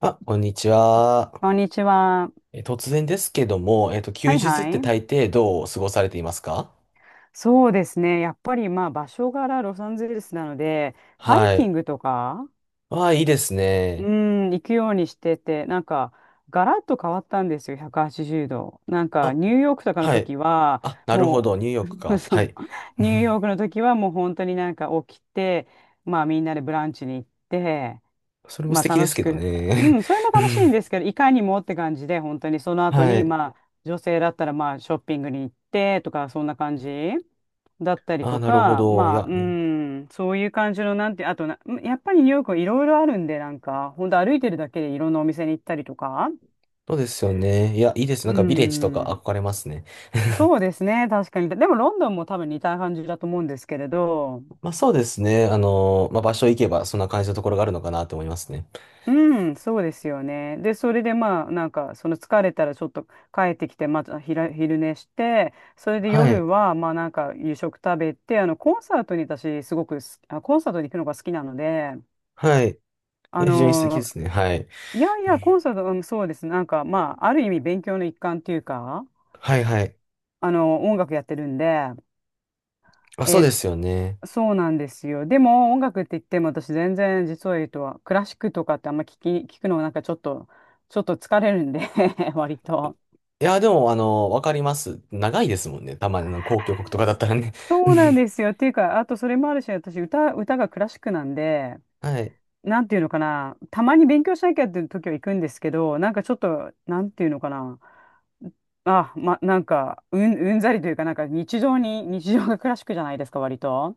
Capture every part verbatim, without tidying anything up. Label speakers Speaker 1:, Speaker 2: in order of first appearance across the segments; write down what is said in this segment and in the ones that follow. Speaker 1: あ、こんにちは。
Speaker 2: こんにちは。
Speaker 1: え突然ですけども、えっと、休
Speaker 2: はい
Speaker 1: 日っ
Speaker 2: は
Speaker 1: て大
Speaker 2: い。
Speaker 1: 抵どう過ごされていますか？
Speaker 2: そうですね。やっぱりまあ場所柄ロサンゼルスなので、ハイ
Speaker 1: は
Speaker 2: キ
Speaker 1: い。
Speaker 2: ングとか、
Speaker 1: わあ、いいです
Speaker 2: う
Speaker 1: ね。
Speaker 2: ん、行くようにしてて、なんか、ガラッと変わったんですよ、ひゃくはちじゅうど。なんか、
Speaker 1: あ、
Speaker 2: ニューヨークとかの
Speaker 1: はい。
Speaker 2: 時は、
Speaker 1: あ、なるほど。
Speaker 2: も
Speaker 1: ニューヨーク
Speaker 2: う、
Speaker 1: か。
Speaker 2: そ
Speaker 1: は
Speaker 2: う、
Speaker 1: い。う
Speaker 2: ニューヨ
Speaker 1: ん。
Speaker 2: ークの時はもう本当になんか起きて、まあみんなでブランチに行って、
Speaker 1: それも
Speaker 2: ま
Speaker 1: 素
Speaker 2: あ
Speaker 1: 敵で
Speaker 2: 楽
Speaker 1: す
Speaker 2: し
Speaker 1: けど
Speaker 2: く、う
Speaker 1: ね。
Speaker 2: ん、それも
Speaker 1: うん。
Speaker 2: 楽しいんですけど、いかにもって感じで、本当にその後
Speaker 1: は
Speaker 2: に、
Speaker 1: い。
Speaker 2: まあ、女性だったら、まあ、ショッピングに行ってとか、そんな感じだったり
Speaker 1: あ、
Speaker 2: と
Speaker 1: なるほ
Speaker 2: か、
Speaker 1: ど。い
Speaker 2: まあ、
Speaker 1: や、
Speaker 2: う
Speaker 1: ね。
Speaker 2: ん、そういう感じの、なんて、あとな、やっぱりニューヨークはいろいろあるんで、なんか、本当歩いてるだけでいろんなお店に行ったりとか、
Speaker 1: そうですよね。いや、いいです。な
Speaker 2: う
Speaker 1: んかビレッジとか
Speaker 2: ん、
Speaker 1: 憧れますね。
Speaker 2: そうですね、確かに。でも、ロンドンも多分似た感じだと思うんですけれど、
Speaker 1: まあそうですね。あのまあ場所行けばそんな感じのところがあるのかなと思いますね。
Speaker 2: うん、そうですよね。で、それでまあ、なんか、その疲れたらちょっと帰ってきて、またひら昼寝して、それで
Speaker 1: は
Speaker 2: 夜
Speaker 1: い。
Speaker 2: は、まあなんか、夕食食べて、あの、コンサートに私、すごくす、あ、コンサートに行くのが好きなので、
Speaker 1: はい。い
Speaker 2: あ
Speaker 1: や、非常に素敵で
Speaker 2: の、
Speaker 1: すね。はい。
Speaker 2: いやいや、コンサート、うん、そうです。なんか、まあ、ある意味勉強の一環っていうか、
Speaker 1: はいはい。
Speaker 2: あの、音楽やってるんで、
Speaker 1: あ、そう
Speaker 2: え
Speaker 1: で
Speaker 2: ー
Speaker 1: すよね。
Speaker 2: そうなんですよ。でも音楽って言っても私全然実を言うとはクラシックとかってあんま聞き、聞くのはなんかちょっと、ちょっと疲れるんで 割と。
Speaker 1: いや、でも、あの、わかります。長いですもんね。たまに、あの、公共国とかだったらね。
Speaker 2: そうなんで すよ。っていうか、あとそれもあるし、私歌、歌がクラシックなんで、
Speaker 1: はい。
Speaker 2: なんていうのかな、たまに勉強しなきゃっていう時は行くんですけど、なんかちょっと、なんていうのかな、あ、ま、なんか、うん、うんざりというか、なんか日常に、日常がクラシックじゃないですか、割と。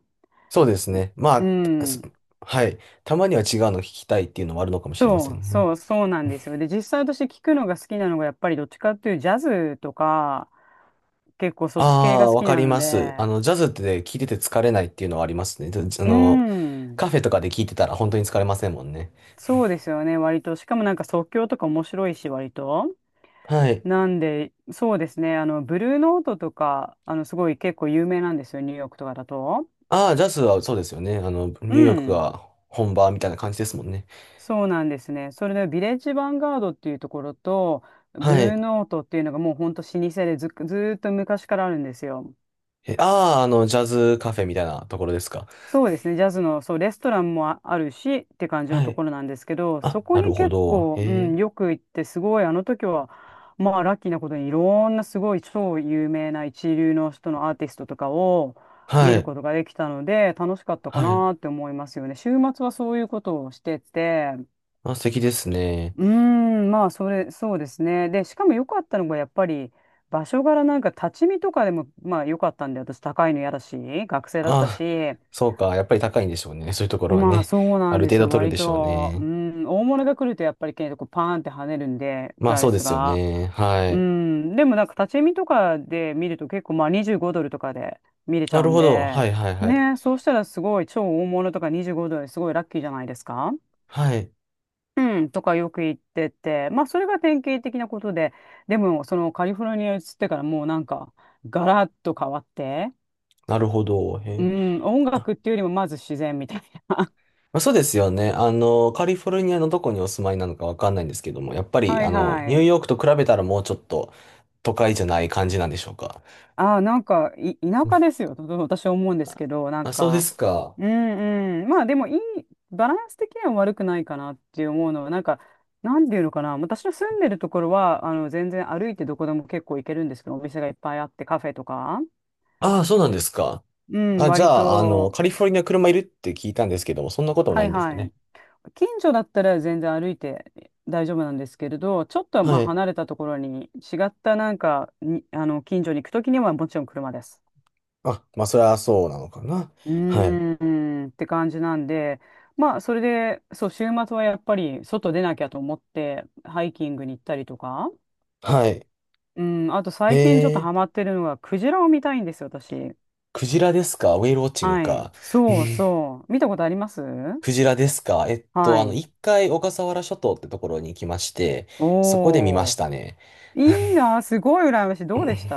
Speaker 1: そうですね。
Speaker 2: う
Speaker 1: まあ、す
Speaker 2: ん。
Speaker 1: はい。たまには違うの聞きたいっていうのはあるのかもしれませ
Speaker 2: そ
Speaker 1: ん
Speaker 2: う、
Speaker 1: ね。
Speaker 2: そう、そうなんですよ。で、実際私聞くのが好きなのが、やっぱりどっちかっていうジャズとか、結構そ
Speaker 1: あ
Speaker 2: っち系が
Speaker 1: あ、
Speaker 2: 好
Speaker 1: わ
Speaker 2: き
Speaker 1: か
Speaker 2: な
Speaker 1: り
Speaker 2: の
Speaker 1: ます。あ
Speaker 2: で、
Speaker 1: の、ジャズってね聞いてて疲れないっていうのはありますね。じあ
Speaker 2: う
Speaker 1: の、
Speaker 2: ん、
Speaker 1: カフェとかで聞いてたら本当に疲れませんもんね。
Speaker 2: そうですよね、割と。しかもなんか即興とか面白いし、割と。
Speaker 1: はい。
Speaker 2: なんで、そうですね、あの、ブルーノートとか、あの、すごい結構有名なんですよ、ニューヨークとかだと。
Speaker 1: ああ、ジャズはそうですよね。あの、
Speaker 2: う
Speaker 1: ニューヨーク
Speaker 2: ん、
Speaker 1: が本場みたいな感じですもんね。
Speaker 2: そうなんですね。それで、ビレッジヴァンガードっていうところと、ブ
Speaker 1: は
Speaker 2: ル
Speaker 1: い。
Speaker 2: ーノートっていうのがもうほんと老舗でず、ずーっと昔からあるんですよ。
Speaker 1: え、ああ、あの、ジャズカフェみたいなところですか？
Speaker 2: そうですね、ジャズの、そう、レストランもああるしって感じの
Speaker 1: は
Speaker 2: と
Speaker 1: い。
Speaker 2: ころなんですけど、そ
Speaker 1: あ、
Speaker 2: こ
Speaker 1: なる
Speaker 2: に
Speaker 1: ほ
Speaker 2: 結
Speaker 1: ど。
Speaker 2: 構、
Speaker 1: へ
Speaker 2: う
Speaker 1: え。
Speaker 2: ん、よく行って、すごい、あの時は、まあ、ラッキーなことに、いろんなすごい超有名な一流の人のアーティストとかを
Speaker 1: は
Speaker 2: 見る
Speaker 1: い。
Speaker 2: ことができたので、楽しかったか
Speaker 1: はい。
Speaker 2: なって思いますよね。週末はそういうことをしてて、
Speaker 1: あ、素敵ですね。
Speaker 2: うーん、まあ、それ、そうですね。で、しかも良かったのが、やっぱり、場所柄なんか立ち見とかでも、まあ、良かったんで、私、高いの嫌だし、学生だった
Speaker 1: あ、
Speaker 2: し、
Speaker 1: そうか。やっぱり高いんでしょうね。そういうところは
Speaker 2: まあ
Speaker 1: ね。
Speaker 2: そう
Speaker 1: あ
Speaker 2: なん
Speaker 1: る
Speaker 2: で
Speaker 1: 程
Speaker 2: す
Speaker 1: 度
Speaker 2: よ。
Speaker 1: 取るん
Speaker 2: 割
Speaker 1: でしょう
Speaker 2: と、う
Speaker 1: ね。
Speaker 2: ん、大物が来るとやっぱり結構パーンって跳ねるんで、
Speaker 1: ま
Speaker 2: プ
Speaker 1: あ
Speaker 2: ラ
Speaker 1: そ
Speaker 2: イ
Speaker 1: うで
Speaker 2: ス
Speaker 1: すよ
Speaker 2: が。
Speaker 1: ね。は
Speaker 2: う
Speaker 1: い。
Speaker 2: ん、でもなんか立ち見とかで見ると結構まあにじゅうごドルとかで見れち
Speaker 1: な
Speaker 2: ゃう
Speaker 1: る
Speaker 2: ん
Speaker 1: ほど。は
Speaker 2: で、
Speaker 1: いはいはい。
Speaker 2: ね、そうしたらすごい超大物とかにじゅうごドルすごいラッキーじゃないですか。
Speaker 1: はい。
Speaker 2: うん、とかよく言ってて、まあそれが典型的なことで、でもそのカリフォルニアに移ってからもうなんかガラッと変わって、
Speaker 1: なるほど。へ
Speaker 2: う
Speaker 1: え。
Speaker 2: ん、音
Speaker 1: あ、
Speaker 2: 楽っていうよりもまず自然みたいな。
Speaker 1: まあ、そうですよね。あの、カリフォルニアのどこにお住まいなのかわかんないんですけども、やっぱ り、
Speaker 2: は
Speaker 1: あ
Speaker 2: い
Speaker 1: の、
Speaker 2: は
Speaker 1: ニュー
Speaker 2: い。
Speaker 1: ヨークと比べたらもうちょっと都会じゃない感じなんでしょうか？
Speaker 2: ああ、なんか、い、田舎ですよ、とと私は思うんですけど、なん
Speaker 1: あ、そうで
Speaker 2: か、
Speaker 1: すか。
Speaker 2: うんうん。まあでもいい、バランス的には悪くないかなって思うのは、なんか、なんていうのかな、私の住んでるところは、あの、全然歩いてどこでも結構行けるんですけど、お店がいっぱいあって、カフェとか。
Speaker 1: ああ、そうなんですか。
Speaker 2: うん、
Speaker 1: あ、じゃ
Speaker 2: 割
Speaker 1: あ、あの、
Speaker 2: と、
Speaker 1: カリフォルニア車いるって聞いたんですけども、そんなこともな
Speaker 2: は
Speaker 1: い
Speaker 2: い
Speaker 1: んですか
Speaker 2: はい。
Speaker 1: ね？
Speaker 2: 近所だったら全然歩いて大丈夫なんですけれど、ちょっとまあ
Speaker 1: はい。
Speaker 2: 離れたところに違ったなんかに、あの、近所に行くときにはもちろん車です。
Speaker 1: あ、まあ、それはそうなのかな。
Speaker 2: う
Speaker 1: はい。
Speaker 2: ーんって感じなんで、まあ、それで、そう、週末はやっぱり外出なきゃと思って、ハイキングに行ったりとか、
Speaker 1: はい。
Speaker 2: うん、あと
Speaker 1: へ
Speaker 2: 最近ちょっと
Speaker 1: え、
Speaker 2: ハマってるのが、クジラを見たいんですよ、私。
Speaker 1: クジラですか？ウェイルウォッチング
Speaker 2: はい。
Speaker 1: か。
Speaker 2: そうそう。見たことあります。
Speaker 1: クジラですか？えっ
Speaker 2: は
Speaker 1: と、あの、
Speaker 2: い。
Speaker 1: 一回小笠原諸島ってところに行きまして、そこで見ま
Speaker 2: お
Speaker 1: し
Speaker 2: ー。
Speaker 1: たね。
Speaker 2: いいな、すごい羨ましい。どうでした？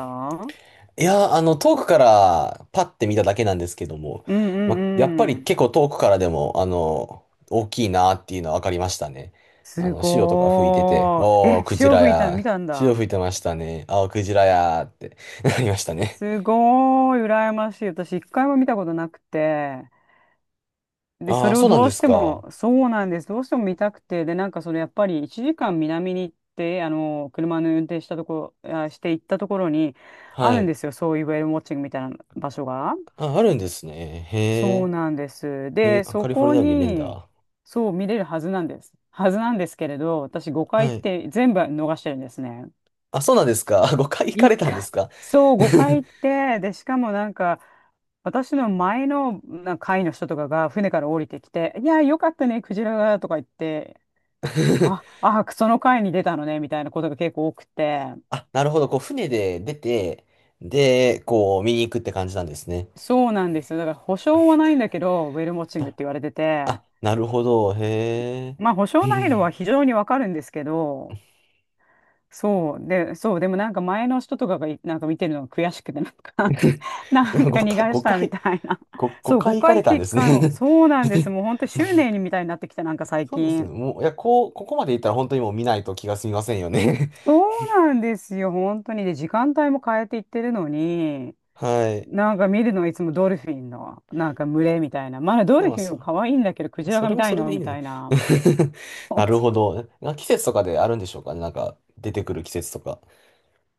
Speaker 1: いやー、あの、遠くからパッて見ただけなんですけども、
Speaker 2: うんう
Speaker 1: ま、やっぱ
Speaker 2: んう
Speaker 1: り
Speaker 2: ん。
Speaker 1: 結構遠くからでも、あの、大きいなっていうのは分かりましたね。あ
Speaker 2: す
Speaker 1: の、潮とか吹いてて、
Speaker 2: ごー
Speaker 1: お
Speaker 2: い。
Speaker 1: ー、
Speaker 2: え、
Speaker 1: クジ
Speaker 2: 潮
Speaker 1: ラ
Speaker 2: 吹いたの見
Speaker 1: や、
Speaker 2: たん
Speaker 1: 潮吹
Speaker 2: だ。
Speaker 1: いてましたね、あー、クジラやーって なりましたね。
Speaker 2: すごーい、羨ましい。私、一回も見たことなくて。で、そ
Speaker 1: ああ、
Speaker 2: れ
Speaker 1: そ
Speaker 2: を
Speaker 1: うなん
Speaker 2: ど
Speaker 1: で
Speaker 2: うし
Speaker 1: す
Speaker 2: て
Speaker 1: か。
Speaker 2: も、そうなんです。どうしても見たくて、で、なんかそのやっぱりいちじかん南に行って、あの、車の運転したところ、あ、して行ったところに、あ
Speaker 1: は
Speaker 2: るん
Speaker 1: い。
Speaker 2: ですよ。そういうウェルウォッチングみたいな場所が。
Speaker 1: あ、あるんですね。へ
Speaker 2: そう
Speaker 1: え。
Speaker 2: なんです。
Speaker 1: え、
Speaker 2: で、そ
Speaker 1: カリフォル
Speaker 2: こ
Speaker 1: ニア見れん
Speaker 2: に、
Speaker 1: だ。
Speaker 2: そう見れるはずなんです。はずなんですけれど、私ごかい
Speaker 1: は
Speaker 2: 行っ
Speaker 1: い。
Speaker 2: て全部逃してるんですね。
Speaker 1: あ、そうなんですか。ごかい行か
Speaker 2: 一
Speaker 1: れたんで
Speaker 2: 回、
Speaker 1: すか？
Speaker 2: そう、ごかい行って、で、しかもなんか、私の前のなんか会の人とかが船から降りてきて、いや、よかったね、クジラが、とか言って、あ、あ、その会に出たのね、みたいなことが結構多くて、
Speaker 1: あ、なるほど。こう、船で出て、で、こう、見に行くって感じなんですね。
Speaker 2: そうなんですよ。だから保証はないんだけど、ウェルモッチングっ
Speaker 1: な
Speaker 2: て言われてて、
Speaker 1: あ、なるほど。へ
Speaker 2: まあ保証ないのは
Speaker 1: え。
Speaker 2: 非常にわかるんですけど、そう。で、そう。でもなんか前の人とかがいなんか見てるのが悔しくて、なんか なん か逃
Speaker 1: ごかい、
Speaker 2: がした
Speaker 1: 5
Speaker 2: み
Speaker 1: 回、
Speaker 2: たいな。
Speaker 1: ごご、
Speaker 2: そう、
Speaker 1: 回行か
Speaker 2: ごかいっ
Speaker 1: れた
Speaker 2: て
Speaker 1: んで
Speaker 2: 1
Speaker 1: す
Speaker 2: 回も。
Speaker 1: ね。
Speaker 2: そうなんです。もう本当執念にみたいになってきた、なんか最
Speaker 1: そうですね。
Speaker 2: 近。
Speaker 1: もう、いや、こう、ここまで行ったら本当にもう見ないと気が済みませんよね。
Speaker 2: そ うなんですよ。本当に。で、時間帯も変えていってるのに、
Speaker 1: はい。
Speaker 2: なんか見るのはいつもドルフィンの、なんか群れみたいな。まだド
Speaker 1: で
Speaker 2: ル
Speaker 1: も、
Speaker 2: フィン
Speaker 1: そ、
Speaker 2: も可愛いんだけど、クジラ
Speaker 1: そ
Speaker 2: が
Speaker 1: れ
Speaker 2: 見
Speaker 1: も
Speaker 2: た
Speaker 1: そ
Speaker 2: い
Speaker 1: れで
Speaker 2: の
Speaker 1: いい
Speaker 2: みた
Speaker 1: ね。
Speaker 2: いな。
Speaker 1: なるほ ど。な季節とかであるんでしょうかね。なんか、出てくる季節とか。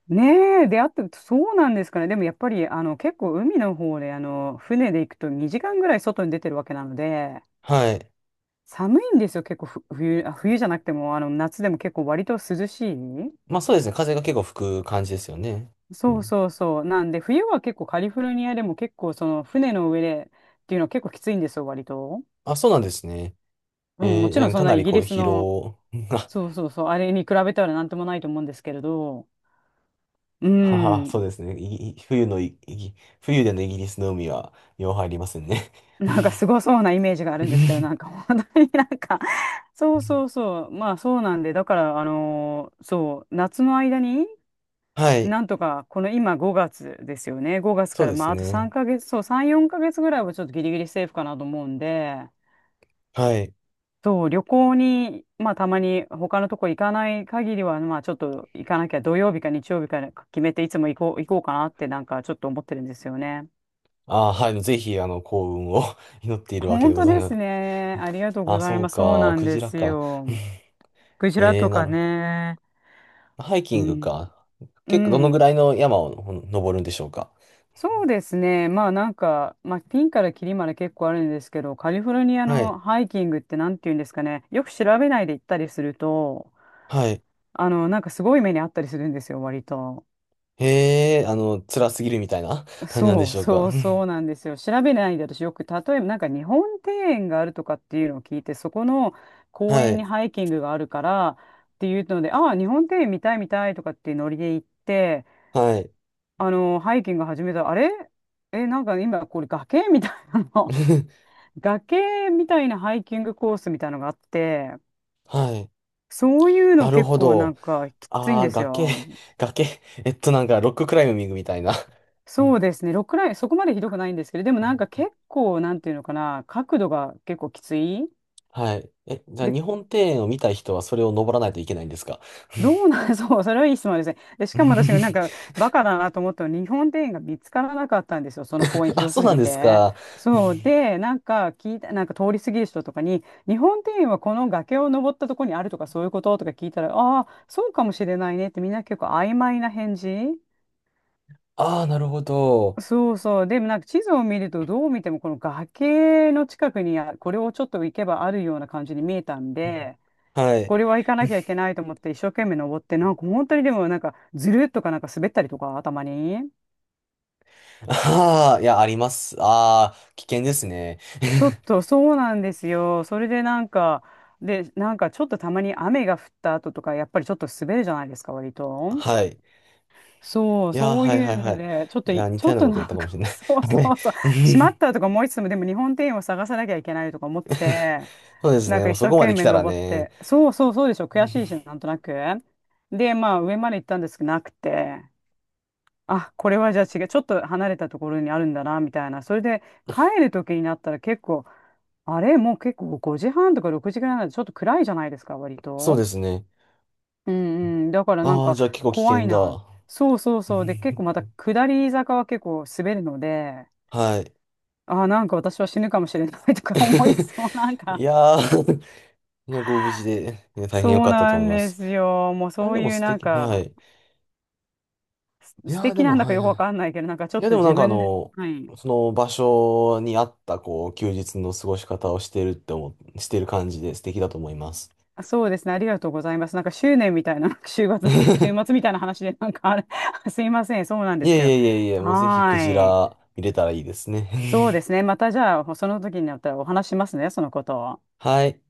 Speaker 2: ねえ、出会って、そうなんですかね。でもやっぱり、あの、結構海の方で、あの、船で行くとにじかんぐらい外に出てるわけなので、
Speaker 1: はい。
Speaker 2: 寒いんですよ、結構ふ冬、あ冬じゃなくても、あの、夏でも結構割と涼し
Speaker 1: まあそうですね。風が結構吹く感じですよね。
Speaker 2: い。
Speaker 1: う
Speaker 2: そう
Speaker 1: ん。
Speaker 2: そうそう。なんで、冬は結構カリフォルニアでも結構その船の上でっていうのは結構きついんですよ、割と。
Speaker 1: あ、そうなんですね。
Speaker 2: うん、
Speaker 1: え
Speaker 2: も
Speaker 1: ー、
Speaker 2: ちろ
Speaker 1: な
Speaker 2: ん
Speaker 1: んか
Speaker 2: そ
Speaker 1: か
Speaker 2: んな
Speaker 1: な
Speaker 2: イ
Speaker 1: り
Speaker 2: ギ
Speaker 1: こう
Speaker 2: リス
Speaker 1: 疲
Speaker 2: の、
Speaker 1: 労が、
Speaker 2: そうそうそう、あれに比べたらなんともないと思うんですけれど、う
Speaker 1: はは、そう
Speaker 2: ん。
Speaker 1: ですね。いい冬のい、い冬でのイギリスの海は、よう入りますね。
Speaker 2: なんかすごそうなイメージがあるんですけど、なん か本当になんか、そうそうそう、まあそうなんで、だから、あのーそう、夏の間に、
Speaker 1: はい。
Speaker 2: なんとか、この今ごがつですよね。ごがつ
Speaker 1: そう
Speaker 2: から、
Speaker 1: で
Speaker 2: ま
Speaker 1: す
Speaker 2: ああと3
Speaker 1: ね。
Speaker 2: ヶ月、そう、さん、よんかげつぐらいはちょっとギリギリセーフかなと思うんで、
Speaker 1: はい。
Speaker 2: そう、旅行に、まあたまに他のとこ行かない限りは、まあちょっと行かなきゃ。土曜日か日曜日か決めて、いつも行こう、行こうかなってなんかちょっと思ってるんですよね。
Speaker 1: あ、はい。ぜひ、あの、幸運を 祈っているわけで
Speaker 2: 本
Speaker 1: ご
Speaker 2: 当
Speaker 1: ざい
Speaker 2: で
Speaker 1: ます。
Speaker 2: すね。ありがと うご
Speaker 1: あ、
Speaker 2: ざい
Speaker 1: そう
Speaker 2: ます。そう
Speaker 1: か。
Speaker 2: なん
Speaker 1: ク
Speaker 2: で
Speaker 1: ジラ
Speaker 2: す
Speaker 1: か。
Speaker 2: よ。クジラ
Speaker 1: えー、
Speaker 2: と
Speaker 1: な
Speaker 2: か
Speaker 1: るほ
Speaker 2: ね。
Speaker 1: ど。ハイ
Speaker 2: う
Speaker 1: キング
Speaker 2: ん。
Speaker 1: か。
Speaker 2: う
Speaker 1: 結構、どのぐ
Speaker 2: ん。
Speaker 1: らいの山をほん登るんでしょうか？
Speaker 2: そうですね。まあなんか、まあピンからキリまで結構あるんですけど、カリフォルニア
Speaker 1: はい。
Speaker 2: のハイキングってなんて言うんですかね。よく調べないで行ったりすると、
Speaker 1: はい。
Speaker 2: あの、なんかすごい目にあったりするんですよ、割と。
Speaker 1: へえ、あの、辛すぎるみたいな感じなんで
Speaker 2: そ
Speaker 1: し
Speaker 2: う
Speaker 1: ょう
Speaker 2: そ
Speaker 1: か？
Speaker 2: うそう なんですよ。調べないで私よく、例えばなんか日本庭園があるとかっていうのを聞いて、そこの公
Speaker 1: は
Speaker 2: 園に
Speaker 1: い。
Speaker 2: ハイキングがあるからっていうので、ああ、日本庭園見たい見たいとかっていうノリで行って、
Speaker 1: はい。
Speaker 2: あの、ハイキング始めた、あれえ、なんか今これ崖みたいなの。崖みたいなハイキングコースみたいなのがあって、
Speaker 1: はい。
Speaker 2: そういう
Speaker 1: な
Speaker 2: の
Speaker 1: る
Speaker 2: 結
Speaker 1: ほ
Speaker 2: 構な
Speaker 1: ど。
Speaker 2: んかきついん
Speaker 1: ああ、
Speaker 2: です
Speaker 1: 崖、
Speaker 2: よ。
Speaker 1: 崖。えっと、なんか、ロッククライミングみたいな。う
Speaker 2: そ
Speaker 1: ん
Speaker 2: うですね。ロックライン、そこまでひどくないんですけど、でも
Speaker 1: う
Speaker 2: なんか
Speaker 1: ん。
Speaker 2: 結構、なんていうのかな、角度が結構きつい。
Speaker 1: はい。え、じゃあ、
Speaker 2: で、
Speaker 1: 日本庭園を見たい人はそれを登らないといけないんですか？
Speaker 2: どうなん、そう、それはいい質問ですね。で、し
Speaker 1: うん。
Speaker 2: かも私がなんかバカだなと思ったのは日本庭園が見つからなかったんですよ。その公園
Speaker 1: あ、
Speaker 2: 広
Speaker 1: そう
Speaker 2: す
Speaker 1: なん
Speaker 2: ぎ
Speaker 1: です
Speaker 2: て。
Speaker 1: か。
Speaker 2: そう。で、なんか聞いた、なんか通り過ぎる人とかに、日本庭園はこの崖を登ったところにあるとかそういうこととか聞いたら、ああ、そうかもしれないねってみんな結構曖昧な返事。
Speaker 1: ああ、なるほど。
Speaker 2: そうそう。でもなんか地図を見るとどう見てもこの崖の近くにあこれをちょっと行けばあるような感じに見えたん
Speaker 1: うん。
Speaker 2: で、
Speaker 1: はい。
Speaker 2: これは行かなきゃいけないと思って一生懸命登って、なんか本当にでもなんかずるっとかなんか滑ったりとか、たまに。
Speaker 1: ああ、いや、あります。ああ、危険ですね。
Speaker 2: ちょっとそうなんですよ。それでなんか、で、なんかちょっとたまに雨が降った後とか、やっぱりちょっと滑るじゃないですか、割と。
Speaker 1: はい。
Speaker 2: そう、
Speaker 1: いや、
Speaker 2: そう
Speaker 1: はい
Speaker 2: い
Speaker 1: は
Speaker 2: う
Speaker 1: いは
Speaker 2: の
Speaker 1: い。
Speaker 2: で、ちょっと
Speaker 1: いや、
Speaker 2: い、
Speaker 1: 似
Speaker 2: ち
Speaker 1: た
Speaker 2: ょ
Speaker 1: よ
Speaker 2: っ
Speaker 1: うな
Speaker 2: と
Speaker 1: ことや
Speaker 2: な
Speaker 1: っ
Speaker 2: ん
Speaker 1: たかも
Speaker 2: か
Speaker 1: しれ ない。
Speaker 2: そう そ
Speaker 1: はい。
Speaker 2: うそう、
Speaker 1: う
Speaker 2: しまっ
Speaker 1: ん。
Speaker 2: たとか思いつつも、でも日本庭園を探さなきゃいけないとか思って、
Speaker 1: そうです
Speaker 2: なん
Speaker 1: ね。
Speaker 2: か
Speaker 1: もう
Speaker 2: 一
Speaker 1: そ
Speaker 2: 生
Speaker 1: こま
Speaker 2: 懸
Speaker 1: で来
Speaker 2: 命
Speaker 1: たら
Speaker 2: 登っ
Speaker 1: ね。
Speaker 2: て、そうそうそうでしょ、
Speaker 1: う
Speaker 2: 悔しいし、
Speaker 1: ん。
Speaker 2: なんとなく。で、まあ上まで行ったんですけど、なくて。あ、これはじゃあ違う、ちょっと離れたところにあるんだな、みたいな。それで帰る時になったら結構、あれ、もう結構ごじはんとかろくじぐらいなんでちょっと暗いじゃないですか、割
Speaker 1: そう
Speaker 2: と。
Speaker 1: ですね。
Speaker 2: うんうん。だからなん
Speaker 1: ああ、
Speaker 2: か
Speaker 1: じゃあ結構危
Speaker 2: 怖い
Speaker 1: 険だ。
Speaker 2: な。そうそう
Speaker 1: う
Speaker 2: そう。で、結
Speaker 1: ん。
Speaker 2: 構また下り坂は結構滑るので、
Speaker 1: はい。
Speaker 2: あー、なんか私は死ぬかもしれない とか思い そう。なん
Speaker 1: い
Speaker 2: か、
Speaker 1: やー、いや、ご無事で、いや、大変良
Speaker 2: そう
Speaker 1: かったと
Speaker 2: な
Speaker 1: 思い
Speaker 2: ん
Speaker 1: ま
Speaker 2: で
Speaker 1: す。
Speaker 2: すよ。もう
Speaker 1: いや、
Speaker 2: そ
Speaker 1: で
Speaker 2: う
Speaker 1: も
Speaker 2: いう
Speaker 1: 素
Speaker 2: なん
Speaker 1: 敵、は
Speaker 2: か、
Speaker 1: い。
Speaker 2: す
Speaker 1: い
Speaker 2: 素
Speaker 1: やー、で
Speaker 2: 敵
Speaker 1: も、
Speaker 2: なんだか
Speaker 1: はい
Speaker 2: よく
Speaker 1: は
Speaker 2: わかんないけど、なんか
Speaker 1: い。
Speaker 2: ちょ
Speaker 1: い
Speaker 2: っ
Speaker 1: や、で
Speaker 2: と
Speaker 1: もなん
Speaker 2: 自
Speaker 1: かあ
Speaker 2: 分で、
Speaker 1: の、
Speaker 2: はい。
Speaker 1: その場所に合った、こう、休日の過ごし方をしてるって思っ、してる感じで素敵だと思います。
Speaker 2: あ、そうですね。ありがとうございます。なんか執念みたいな、週末、週末みた いな話で、なんかあれ、すいません。そうなんで
Speaker 1: い
Speaker 2: すけど。
Speaker 1: えいえいえいえ、もうぜひ
Speaker 2: は
Speaker 1: クジ
Speaker 2: ーい。
Speaker 1: ラ見れたらいいですね。
Speaker 2: そうですね。またじゃあ、その時になったらお話しますね、そのことを。
Speaker 1: はい。